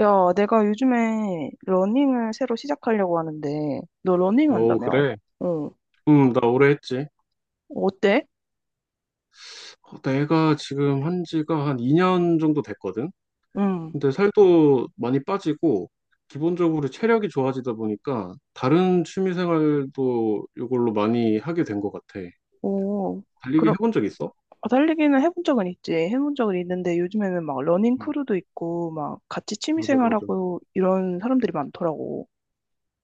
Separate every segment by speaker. Speaker 1: 야, 내가 요즘에 러닝을 새로 시작하려고 하는데, 너 러닝
Speaker 2: 어,
Speaker 1: 한다며?
Speaker 2: 그래.
Speaker 1: 어,
Speaker 2: 나 오래 했지.
Speaker 1: 어때?
Speaker 2: 어, 내가 지금 한 지가 한 2년 정도 됐거든?
Speaker 1: 응,
Speaker 2: 근데 살도 많이 빠지고, 기본적으로 체력이 좋아지다 보니까, 다른 취미 생활도 이걸로 많이 하게 된 것 같아.
Speaker 1: 오,
Speaker 2: 달리기
Speaker 1: 그럼,
Speaker 2: 해본 적 있어?
Speaker 1: 아, 달리기는 해본 적은 있지. 해본 적은 있는데, 요즘에는 막 러닝
Speaker 2: 응.
Speaker 1: 크루도 있고, 막 같이
Speaker 2: 맞아, 맞아.
Speaker 1: 취미생활하고 이런 사람들이 많더라고.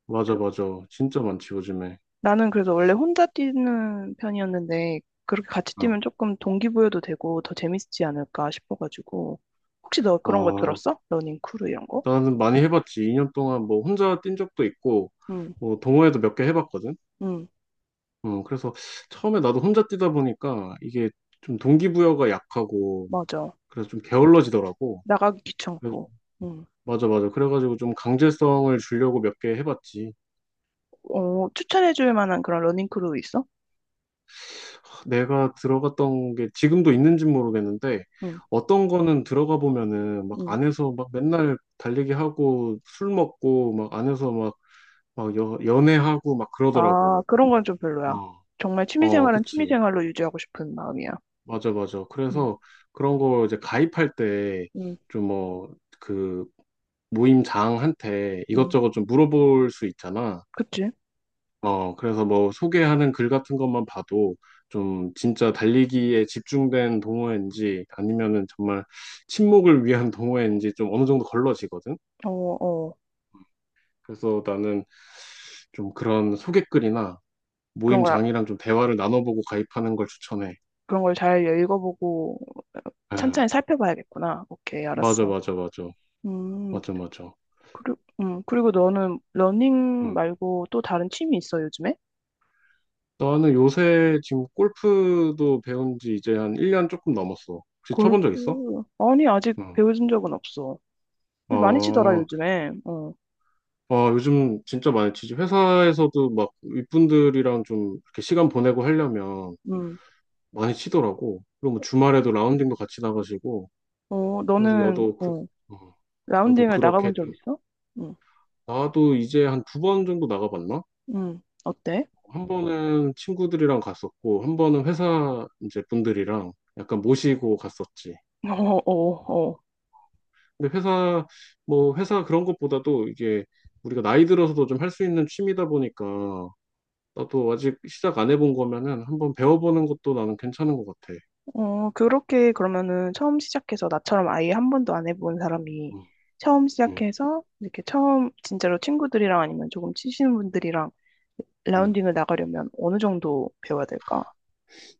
Speaker 2: 맞아,
Speaker 1: 그
Speaker 2: 맞아. 진짜 많지, 요즘에.
Speaker 1: 나는 그래서 원래 혼자 뛰는 편이었는데, 그렇게 같이
Speaker 2: 아,
Speaker 1: 뛰면 조금 동기부여도 되고 더 재밌지 않을까 싶어가지고. 혹시 너 그런 거
Speaker 2: 아,
Speaker 1: 들었어? 러닝 크루 이런 거?
Speaker 2: 나는 많이 해봤지. 2년 동안 뭐 혼자 뛴 적도 있고,
Speaker 1: 응,
Speaker 2: 뭐 동호회도 몇 개 해봤거든?
Speaker 1: 응,
Speaker 2: 그래서 처음에 나도 혼자 뛰다 보니까 이게 좀 동기부여가 약하고
Speaker 1: 맞아.
Speaker 2: 그래서 좀 게을러지더라고.
Speaker 1: 나가기
Speaker 2: 그래,
Speaker 1: 귀찮고. 응.
Speaker 2: 맞아, 맞아. 그래가지고 좀 강제성을 주려고 몇 개 해봤지.
Speaker 1: 어, 추천해줄 만한 그런 러닝크루 있어?
Speaker 2: 내가 들어갔던 게 지금도 있는지 모르겠는데,
Speaker 1: 응.
Speaker 2: 어떤 거는 들어가 보면은 막
Speaker 1: 응.
Speaker 2: 안에서 막 맨날 달리기 하고 술 먹고 막 안에서 막, 막 연애하고 막
Speaker 1: 아,
Speaker 2: 그러더라고.
Speaker 1: 그런 건 좀 별로야.
Speaker 2: 어,
Speaker 1: 정말
Speaker 2: 어,
Speaker 1: 취미생활은
Speaker 2: 그치.
Speaker 1: 취미생활로 유지하고 싶은 마음이야.
Speaker 2: 맞아, 맞아.
Speaker 1: 응.
Speaker 2: 그래서 그런 거 이제 가입할 때
Speaker 1: 응.
Speaker 2: 좀 뭐 그 모임장한테
Speaker 1: 응.
Speaker 2: 이것저것 좀 물어볼 수 있잖아.
Speaker 1: 그치?
Speaker 2: 어, 그래서 뭐 소개하는 글 같은 것만 봐도 좀 진짜 달리기에 집중된 동호회인지 아니면은 정말 친목을 위한 동호회인지 좀 어느 정도 걸러지거든.
Speaker 1: 어, 어.
Speaker 2: 그래서 나는 좀 그런 소개글이나
Speaker 1: 그런 걸,
Speaker 2: 모임장이랑 좀 대화를 나눠보고 가입하는 걸 추천해.
Speaker 1: 그런 걸 잘 읽어보고 찬찬히
Speaker 2: 아,
Speaker 1: 살펴봐야겠구나. 오케이,
Speaker 2: 맞아,
Speaker 1: 알았어.
Speaker 2: 맞아, 맞아.
Speaker 1: 음.
Speaker 2: 맞아, 맞아.
Speaker 1: 그리, 그리고 너는 러닝
Speaker 2: 응.
Speaker 1: 말고 또 다른 취미 있어, 요즘에?
Speaker 2: 나는 요새 지금 골프도 배운 지 이제 한 1년 조금 넘었어. 혹시 쳐본 적
Speaker 1: 골프.
Speaker 2: 있어?
Speaker 1: 아니, 아직
Speaker 2: 응.
Speaker 1: 배워준 적은 없어. 많이 치더라,
Speaker 2: 아,
Speaker 1: 요즘에. 어.
Speaker 2: 아, 요즘 진짜 많이 치지. 회사에서도 막 윗분들이랑 좀 이렇게 시간 보내고 하려면
Speaker 1: 음.
Speaker 2: 많이 치더라고. 그리고 뭐 주말에도 라운딩도 같이 나가시고.
Speaker 1: 어,
Speaker 2: 그래서
Speaker 1: 너는
Speaker 2: 나도
Speaker 1: 어,
Speaker 2: 어, 나도
Speaker 1: 라운딩을
Speaker 2: 그렇게
Speaker 1: 나가본 적
Speaker 2: 좀,
Speaker 1: 있어? 응,
Speaker 2: 나도 이제 한 두 번 정도 나가봤나?
Speaker 1: 응, 어때?
Speaker 2: 한 번은 친구들이랑 갔었고, 한 번은 회사 이제 분들이랑 약간 모시고 갔었지.
Speaker 1: 어, 어, 어.
Speaker 2: 근데 회사 그런 것보다도 이게 우리가 나이 들어서도 좀 할 수 있는 취미다 보니까 나도 아직 시작 안 해본 거면은 한번 배워보는 것도 나는 괜찮은 것 같아.
Speaker 1: 어, 그렇게 그러면은 처음 시작해서 나처럼 아예 한 번도 안 해본 사람이
Speaker 2: 음,
Speaker 1: 처음
Speaker 2: 음,
Speaker 1: 시작해서 이렇게 처음 진짜로 친구들이랑 아니면 조금 치시는 분들이랑
Speaker 2: 음.
Speaker 1: 라운딩을 나가려면 어느 정도 배워야 될까?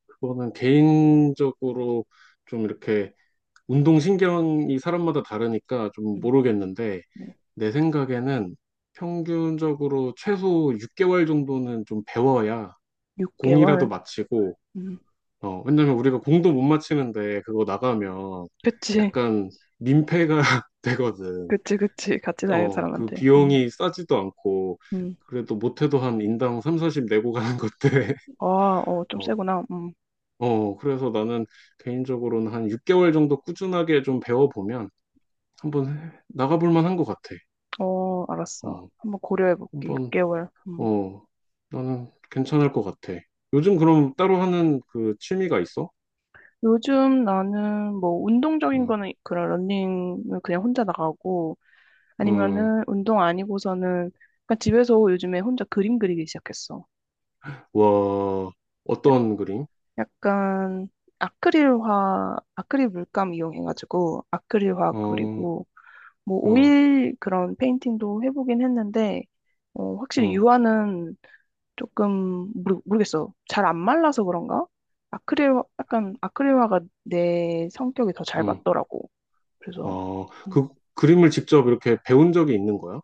Speaker 2: 그거는 개인적으로 좀 이렇게 운동신경이 사람마다 다르니까 좀
Speaker 1: 응,
Speaker 2: 모르겠는데,
Speaker 1: 응,
Speaker 2: 내 생각에는 평균적으로 최소 6개월 정도는 좀 배워야 공이라도
Speaker 1: 6개월?
Speaker 2: 마치고,
Speaker 1: 응.
Speaker 2: 어, 왜냐면 우리가 공도 못 마치는데 그거 나가면
Speaker 1: 그치,
Speaker 2: 약간 민폐가 되거든.
Speaker 1: 그치, 그치. 같이 다니는
Speaker 2: 어, 그
Speaker 1: 사람한테. 응.
Speaker 2: 비용이 싸지도 않고,
Speaker 1: 응.
Speaker 2: 그래도 못해도 한 인당 3, 40 내고 가는 것들.
Speaker 1: 아, 어, 좀
Speaker 2: 어,
Speaker 1: 세구나. 응.
Speaker 2: 어, 그래서 나는 개인적으로는 한 6개월 정도 꾸준하게 좀 배워보면 한번 나가볼 만한 것 같아.
Speaker 1: 어, 알았어.
Speaker 2: 어,
Speaker 1: 한번 고려해볼게.
Speaker 2: 한번,
Speaker 1: 6개월.
Speaker 2: 어, 나는 괜찮을 것 같아. 요즘 그럼 따로 하는 그 취미가 있어?
Speaker 1: 요즘 나는 뭐 운동적인
Speaker 2: 응,
Speaker 1: 거는 그런 러닝은 그냥 혼자 나가고,
Speaker 2: 응,
Speaker 1: 아니면은 운동 아니고서는 약간 집에서 요즘에 혼자 그림 그리기 시작했어.
Speaker 2: 와,
Speaker 1: 약-
Speaker 2: 어떤 그림?
Speaker 1: 약간 아크릴화, 아크릴 물감 이용해가지고 아크릴화
Speaker 2: 어,
Speaker 1: 그리고 뭐
Speaker 2: 어,
Speaker 1: 오일 그런 페인팅도 해보긴 했는데, 어, 확실히
Speaker 2: 어,
Speaker 1: 유화는 조금 모르겠어. 잘 안 말라서 그런가? 아크릴, 약간 아크릴화가 내 성격이 더 잘
Speaker 2: 어,
Speaker 1: 맞더라고. 그래서
Speaker 2: 어,
Speaker 1: 음,
Speaker 2: 그 그림을 직접 이렇게 배운 적이 있는 거야?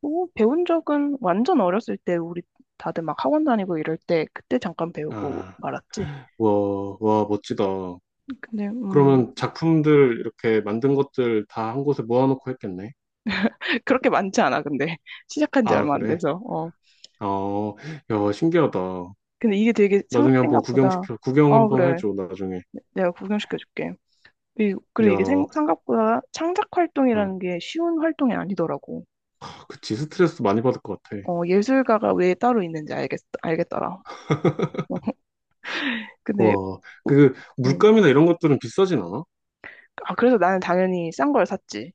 Speaker 1: 뭐 배운 적은 완전 어렸을 때 우리 다들 막 학원 다니고 이럴 때 그때 잠깐 배우고
Speaker 2: 아.
Speaker 1: 말았지.
Speaker 2: 와, 와, 멋지다.
Speaker 1: 근데 음,
Speaker 2: 그러면 작품들 이렇게 만든 것들 다 한 곳에 모아놓고 했겠네.
Speaker 1: 그렇게 많지 않아 근데. 시작한 지
Speaker 2: 아,
Speaker 1: 얼마 안
Speaker 2: 그래?
Speaker 1: 돼서. 어,
Speaker 2: 어, 야, 신기하다.
Speaker 1: 근데 이게 되게
Speaker 2: 나중에 한번
Speaker 1: 생각보다...
Speaker 2: 구경
Speaker 1: 어,
Speaker 2: 한번
Speaker 1: 그래.
Speaker 2: 해줘, 나중에.
Speaker 1: 내가 구경시켜줄게. 그리고
Speaker 2: 야,
Speaker 1: 이게
Speaker 2: 어,
Speaker 1: 생각보다 창작 활동이라는 게 쉬운 활동이 아니더라고.
Speaker 2: 그치, 스트레스 많이 받을 것 같아.
Speaker 1: 어, 예술가가 왜 따로 있는지 알겠더라. 근데
Speaker 2: 와, 그,
Speaker 1: 음,
Speaker 2: 물감이나 이런 것들은 비싸진 않아?
Speaker 1: 아, 그래서 나는 당연히 싼 걸 샀지.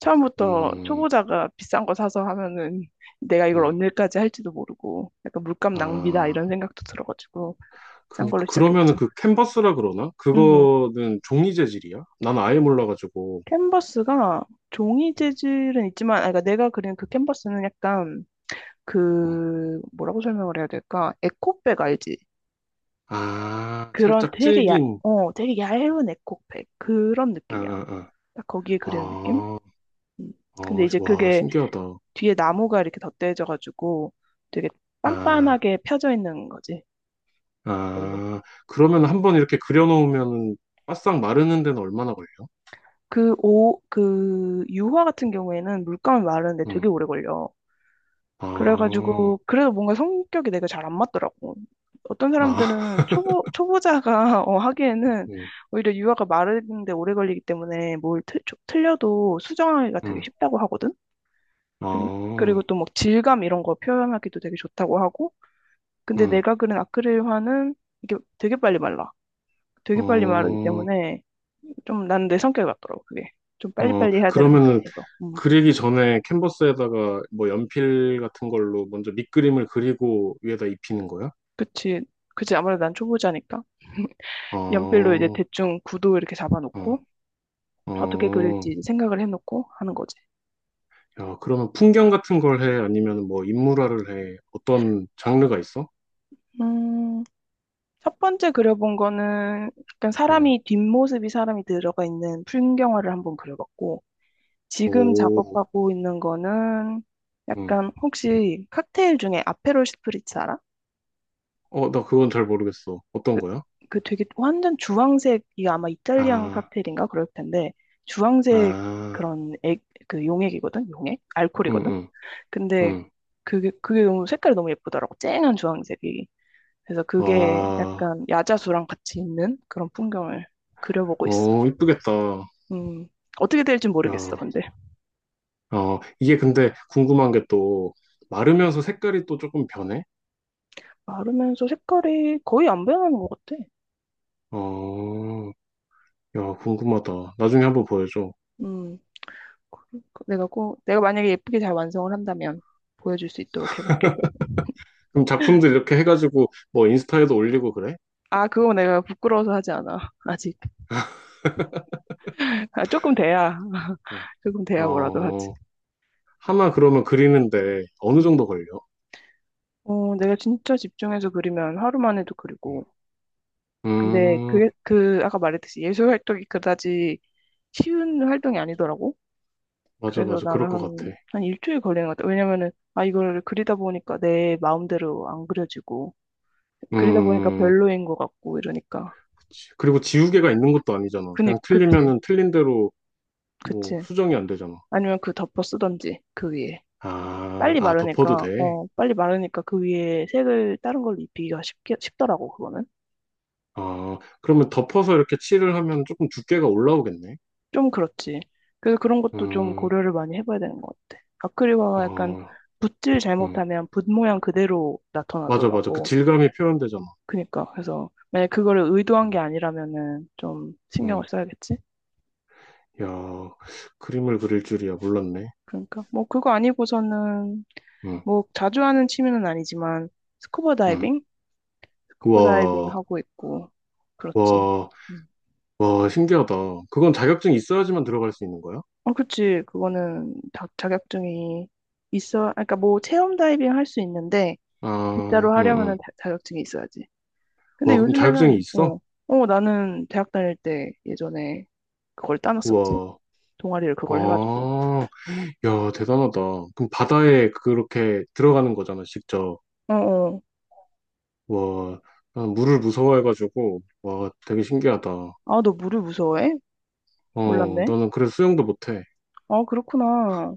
Speaker 1: 처음부터
Speaker 2: 음,
Speaker 1: 초보자가 비싼 거 사서 하면은 내가 이걸
Speaker 2: 음,
Speaker 1: 언제까지 할지도 모르고 약간 물감 낭비다
Speaker 2: 아,
Speaker 1: 이런 생각도 들어가지고 싼
Speaker 2: 그,
Speaker 1: 걸로
Speaker 2: 그러면은
Speaker 1: 시작했지.
Speaker 2: 그 캔버스라 그러나?
Speaker 1: 음,
Speaker 2: 그거는 종이 재질이야? 난 아예 몰라가지고.
Speaker 1: 캔버스가 종이
Speaker 2: 음,
Speaker 1: 재질은 있지만, 아, 그러니까 내가 그린 그 캔버스는 약간...
Speaker 2: 어.
Speaker 1: 그, 뭐라고 설명을 해야 될까? 에코백 알지?
Speaker 2: 아,
Speaker 1: 그런
Speaker 2: 살짝
Speaker 1: 되게
Speaker 2: 질긴,
Speaker 1: 되게 얇은 에코백 그런
Speaker 2: 아,
Speaker 1: 느낌이야.
Speaker 2: 아, 아.
Speaker 1: 딱 거기에 그리는 느낌?
Speaker 2: 아,
Speaker 1: 음. 근데
Speaker 2: 아,
Speaker 1: 이제
Speaker 2: 와,
Speaker 1: 그게
Speaker 2: 신기하다.
Speaker 1: 뒤에 나무가 이렇게 덧대져가지고 되게
Speaker 2: 아,
Speaker 1: 빤빤하게 펴져 있는 거지. 그걸로.
Speaker 2: 아, 그러면 한 번 이렇게 그려놓으면 바싹 마르는 데는 얼마나 걸려요?
Speaker 1: 그 유화 같은 경우에는 물감이 마르는데
Speaker 2: 응,
Speaker 1: 되게 오래 걸려.
Speaker 2: 아,
Speaker 1: 그래가지고 그래도 뭔가 성격이 내가 잘 안 맞더라고. 어떤
Speaker 2: 아,
Speaker 1: 사람들은 초보자가 어, 하기에는
Speaker 2: 응,
Speaker 1: 오히려 유화가 마르는데 오래 걸리기 때문에 뭘 틀려도 수정하기가 되게
Speaker 2: 응,
Speaker 1: 쉽다고 하거든. 근-
Speaker 2: 아,
Speaker 1: 그리고 또 막 질감 이런 거 표현하기도 되게 좋다고 하고. 근데
Speaker 2: 응,
Speaker 1: 내가 그린 아크릴화는 이게 되게 빨리 말라. 되게 빨리 마르기
Speaker 2: 어,
Speaker 1: 때문에 좀 난 내 성격이 맞더라고 그게. 좀
Speaker 2: 어,
Speaker 1: 빨리빨리 해야 되는 성격이
Speaker 2: 그러면은
Speaker 1: 있어서. 음.
Speaker 2: 그리기 전에 캔버스에다가 뭐 연필 같은 걸로 먼저 밑그림을 그리고 위에다 입히는 거야?
Speaker 1: 그치, 그치. 아무래도 난 초보자니까. 연필로
Speaker 2: 어,
Speaker 1: 이제 대충 구도 이렇게
Speaker 2: 어,
Speaker 1: 잡아놓고 어떻게
Speaker 2: 어.
Speaker 1: 그릴지 이제 생각을 해놓고 하는 거지.
Speaker 2: 야, 그러면 풍경 같은 걸 해? 아니면 뭐 인물화를 해? 어떤 장르가 있어?
Speaker 1: 음, 첫 번째 그려본 거는 약간
Speaker 2: 응.
Speaker 1: 사람이 뒷모습이 사람이 들어가 있는 풍경화를 한번 그려봤고, 지금
Speaker 2: 오,
Speaker 1: 작업하고 있는 거는
Speaker 2: 응.
Speaker 1: 약간... 혹시 칵테일 중에 아페롤 스프리츠 알아?
Speaker 2: 어, 나 그건 잘 모르겠어. 어떤
Speaker 1: 그,
Speaker 2: 거야?
Speaker 1: 그 되게 완전 주황색이 아마 이탈리안
Speaker 2: 아,
Speaker 1: 칵테일인가 그럴 텐데, 주황색
Speaker 2: 아,
Speaker 1: 그런 그 용액이거든. 용액
Speaker 2: 응,
Speaker 1: 알코올이거든.
Speaker 2: 응,
Speaker 1: 근데
Speaker 2: 응.
Speaker 1: 그게 너무 색깔이 너무 예쁘더라고. 쨍한 주황색이. 그래서 그게
Speaker 2: 와,
Speaker 1: 약간 야자수랑 같이 있는 그런 풍경을 그려보고 있어.
Speaker 2: 어, 이쁘겠다.
Speaker 1: 음, 어떻게 될지 모르겠어
Speaker 2: 야,
Speaker 1: 근데.
Speaker 2: 어, 이게 근데 궁금한 게 또, 마르면서 색깔이 또 조금 변해?
Speaker 1: 마르면서 색깔이 거의 안 변하는 것 같아.
Speaker 2: 어, 야, 궁금하다. 나중에 한번 보여줘.
Speaker 1: 음, 내가 꼭 내가 만약에 예쁘게 잘 완성을 한다면 보여줄 수 있도록 해볼게.
Speaker 2: 그럼 작품들 이렇게 해가지고, 뭐, 인스타에도 올리고 그래?
Speaker 1: 아, 그거 내가 부끄러워서 하지 않아. 아직. 아, 조금 돼야.
Speaker 2: 어,
Speaker 1: 조금 돼야 뭐라도 하지.
Speaker 2: 어, 하나 그러면 그리는데 어느
Speaker 1: 음.
Speaker 2: 정도 걸려?
Speaker 1: 어, 내가 진짜 집중해서 그리면 하루만 해도
Speaker 2: 응.
Speaker 1: 그리고. 근데
Speaker 2: 음,
Speaker 1: 그게, 그, 아까 말했듯이 예술 활동이 그다지 쉬운 활동이 아니더라고.
Speaker 2: 맞아,
Speaker 1: 그래서
Speaker 2: 맞아. 그럴
Speaker 1: 나는
Speaker 2: 것 같아.
Speaker 1: 한 일주일 걸리는 것 같아. 왜냐면은, 아, 이걸 그리다 보니까 내 마음대로 안 그려지고,
Speaker 2: 음.
Speaker 1: 그리다 보니까 별로인 것 같고, 이러니까.
Speaker 2: 그리고 지우개가 있는 것도 아니잖아. 그냥
Speaker 1: 그치,
Speaker 2: 틀리면은 틀린 대로 뭐
Speaker 1: 그치.
Speaker 2: 수정이 안 되잖아.
Speaker 1: 아니면 그 덮어 쓰던지, 그 위에.
Speaker 2: 아, 아, 덮어도 돼.
Speaker 1: 빨리 마르니까 그 위에 색을 다른 걸로 입히기가 쉽게, 쉽더라고, 그거는.
Speaker 2: 아, 그러면 덮어서 이렇게 칠을 하면 조금 두께가 올라오겠네.
Speaker 1: 좀 그렇지. 그래서 그런 것도 좀
Speaker 2: 음,
Speaker 1: 고려를 많이 해봐야 되는 것 같아. 아크릴화가 약간
Speaker 2: 어,
Speaker 1: 붓질
Speaker 2: 음.
Speaker 1: 잘못하면 붓 모양 그대로
Speaker 2: 맞아, 맞아. 그
Speaker 1: 나타나더라고.
Speaker 2: 질감이 표현되잖아.
Speaker 1: 그니까, 그래서 만약 그거를 의도한 게
Speaker 2: 음,
Speaker 1: 아니라면은 좀 신경을
Speaker 2: 음.
Speaker 1: 써야겠지?
Speaker 2: 야, 그림을 그릴 줄이야. 몰랐네.
Speaker 1: 그러니까, 뭐 그거 아니고서는
Speaker 2: 음,
Speaker 1: 뭐 자주 하는 취미는 아니지만 스쿠버
Speaker 2: 음.
Speaker 1: 다이빙? 스쿠버 다이빙
Speaker 2: 우와,
Speaker 1: 하고 있고. 그렇지.
Speaker 2: 와,
Speaker 1: 음.
Speaker 2: 와, 신기하다. 그건 자격증이 있어야지만 들어갈 수 있는 거야?
Speaker 1: 어, 그치. 그거는 다 자격증이 있어. 아, 그러니까 뭐 체험 다이빙 할 수 있는데
Speaker 2: 아,
Speaker 1: 진짜로 하려면은
Speaker 2: 응응.
Speaker 1: 자격증이 있어야지. 근데
Speaker 2: 와, 그럼 자격증이
Speaker 1: 요즘에는...
Speaker 2: 있어?
Speaker 1: 어, 나는 대학 다닐 때 예전에 그걸 따놨었지.
Speaker 2: 우와,
Speaker 1: 동아리를 그걸 해가지고.
Speaker 2: 아. 야, 대단하다. 그럼 바다에 그렇게 들어가는 거잖아, 직접.
Speaker 1: 어, 어.
Speaker 2: 와, 난 물을 무서워해가지고, 와, 되게 신기하다.
Speaker 1: 아, 너 물을 무서워해?
Speaker 2: 어,
Speaker 1: 몰랐네.
Speaker 2: 나는 그래서 수영도 못해.
Speaker 1: 아, 그렇구나.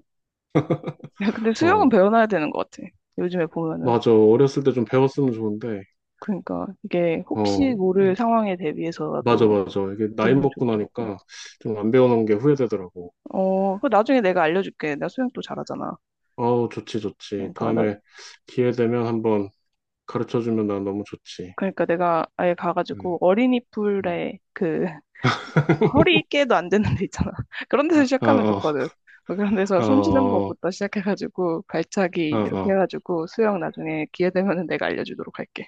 Speaker 1: 야, 근데 수영은
Speaker 2: 어,
Speaker 1: 배워놔야 되는 것 같아. 요즘에 보면은.
Speaker 2: 맞아. 어렸을 때 좀 배웠으면 좋은데.
Speaker 1: 그러니까 이게 혹시
Speaker 2: 어, 이-
Speaker 1: 모를 상황에
Speaker 2: 맞아,
Speaker 1: 대비해서라도
Speaker 2: 맞아. 이게 나이
Speaker 1: 배우는 게
Speaker 2: 먹고
Speaker 1: 좋더라고.
Speaker 2: 나니까 좀 안 배워놓은 게 후회되더라고.
Speaker 1: 어, 그 나중에 내가 알려줄게. 나 수영 또 잘하잖아.
Speaker 2: 어우, 좋지, 좋지.
Speaker 1: 그러니까 나
Speaker 2: 다음에 기회 되면 한번 가르쳐주면 난 너무 좋지.
Speaker 1: 그러니까 내가 아예 가가지고
Speaker 2: 음,
Speaker 1: 어린이
Speaker 2: 음.
Speaker 1: 풀에 허리깨도 안 되는 데 있잖아. 그런
Speaker 2: 아,
Speaker 1: 데서 시작하면
Speaker 2: 아,
Speaker 1: 좋거든. 뭐 그런 데서
Speaker 2: 어,
Speaker 1: 숨 쉬는
Speaker 2: 어,
Speaker 1: 법부터 시작해가지고
Speaker 2: 어,
Speaker 1: 발차기 이렇게
Speaker 2: 어.
Speaker 1: 해가지고 수영 나중에 기회 되면은 내가 알려주도록 할게.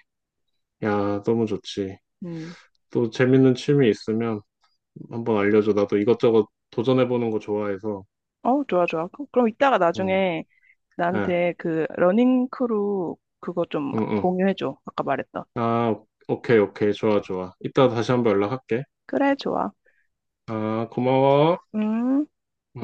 Speaker 2: 야, 너무 좋지.
Speaker 1: 음.
Speaker 2: 또 재밌는 취미 있으면 한번 알려줘. 나도 이것저것 도전해보는 거 좋아해서.
Speaker 1: 어, 좋아, 좋아. 그럼 이따가
Speaker 2: 응,
Speaker 1: 나중에
Speaker 2: 예,
Speaker 1: 나한테 그 러닝 크루 그거 좀
Speaker 2: 응, 응.
Speaker 1: 공유해줘. 아까 말했던.
Speaker 2: 아, 오케이, 오케이. 좋아, 좋아. 이따 다시 한번 연락할게.
Speaker 1: 그래, 좋아.
Speaker 2: 아, 고마워.
Speaker 1: 음.
Speaker 2: 음.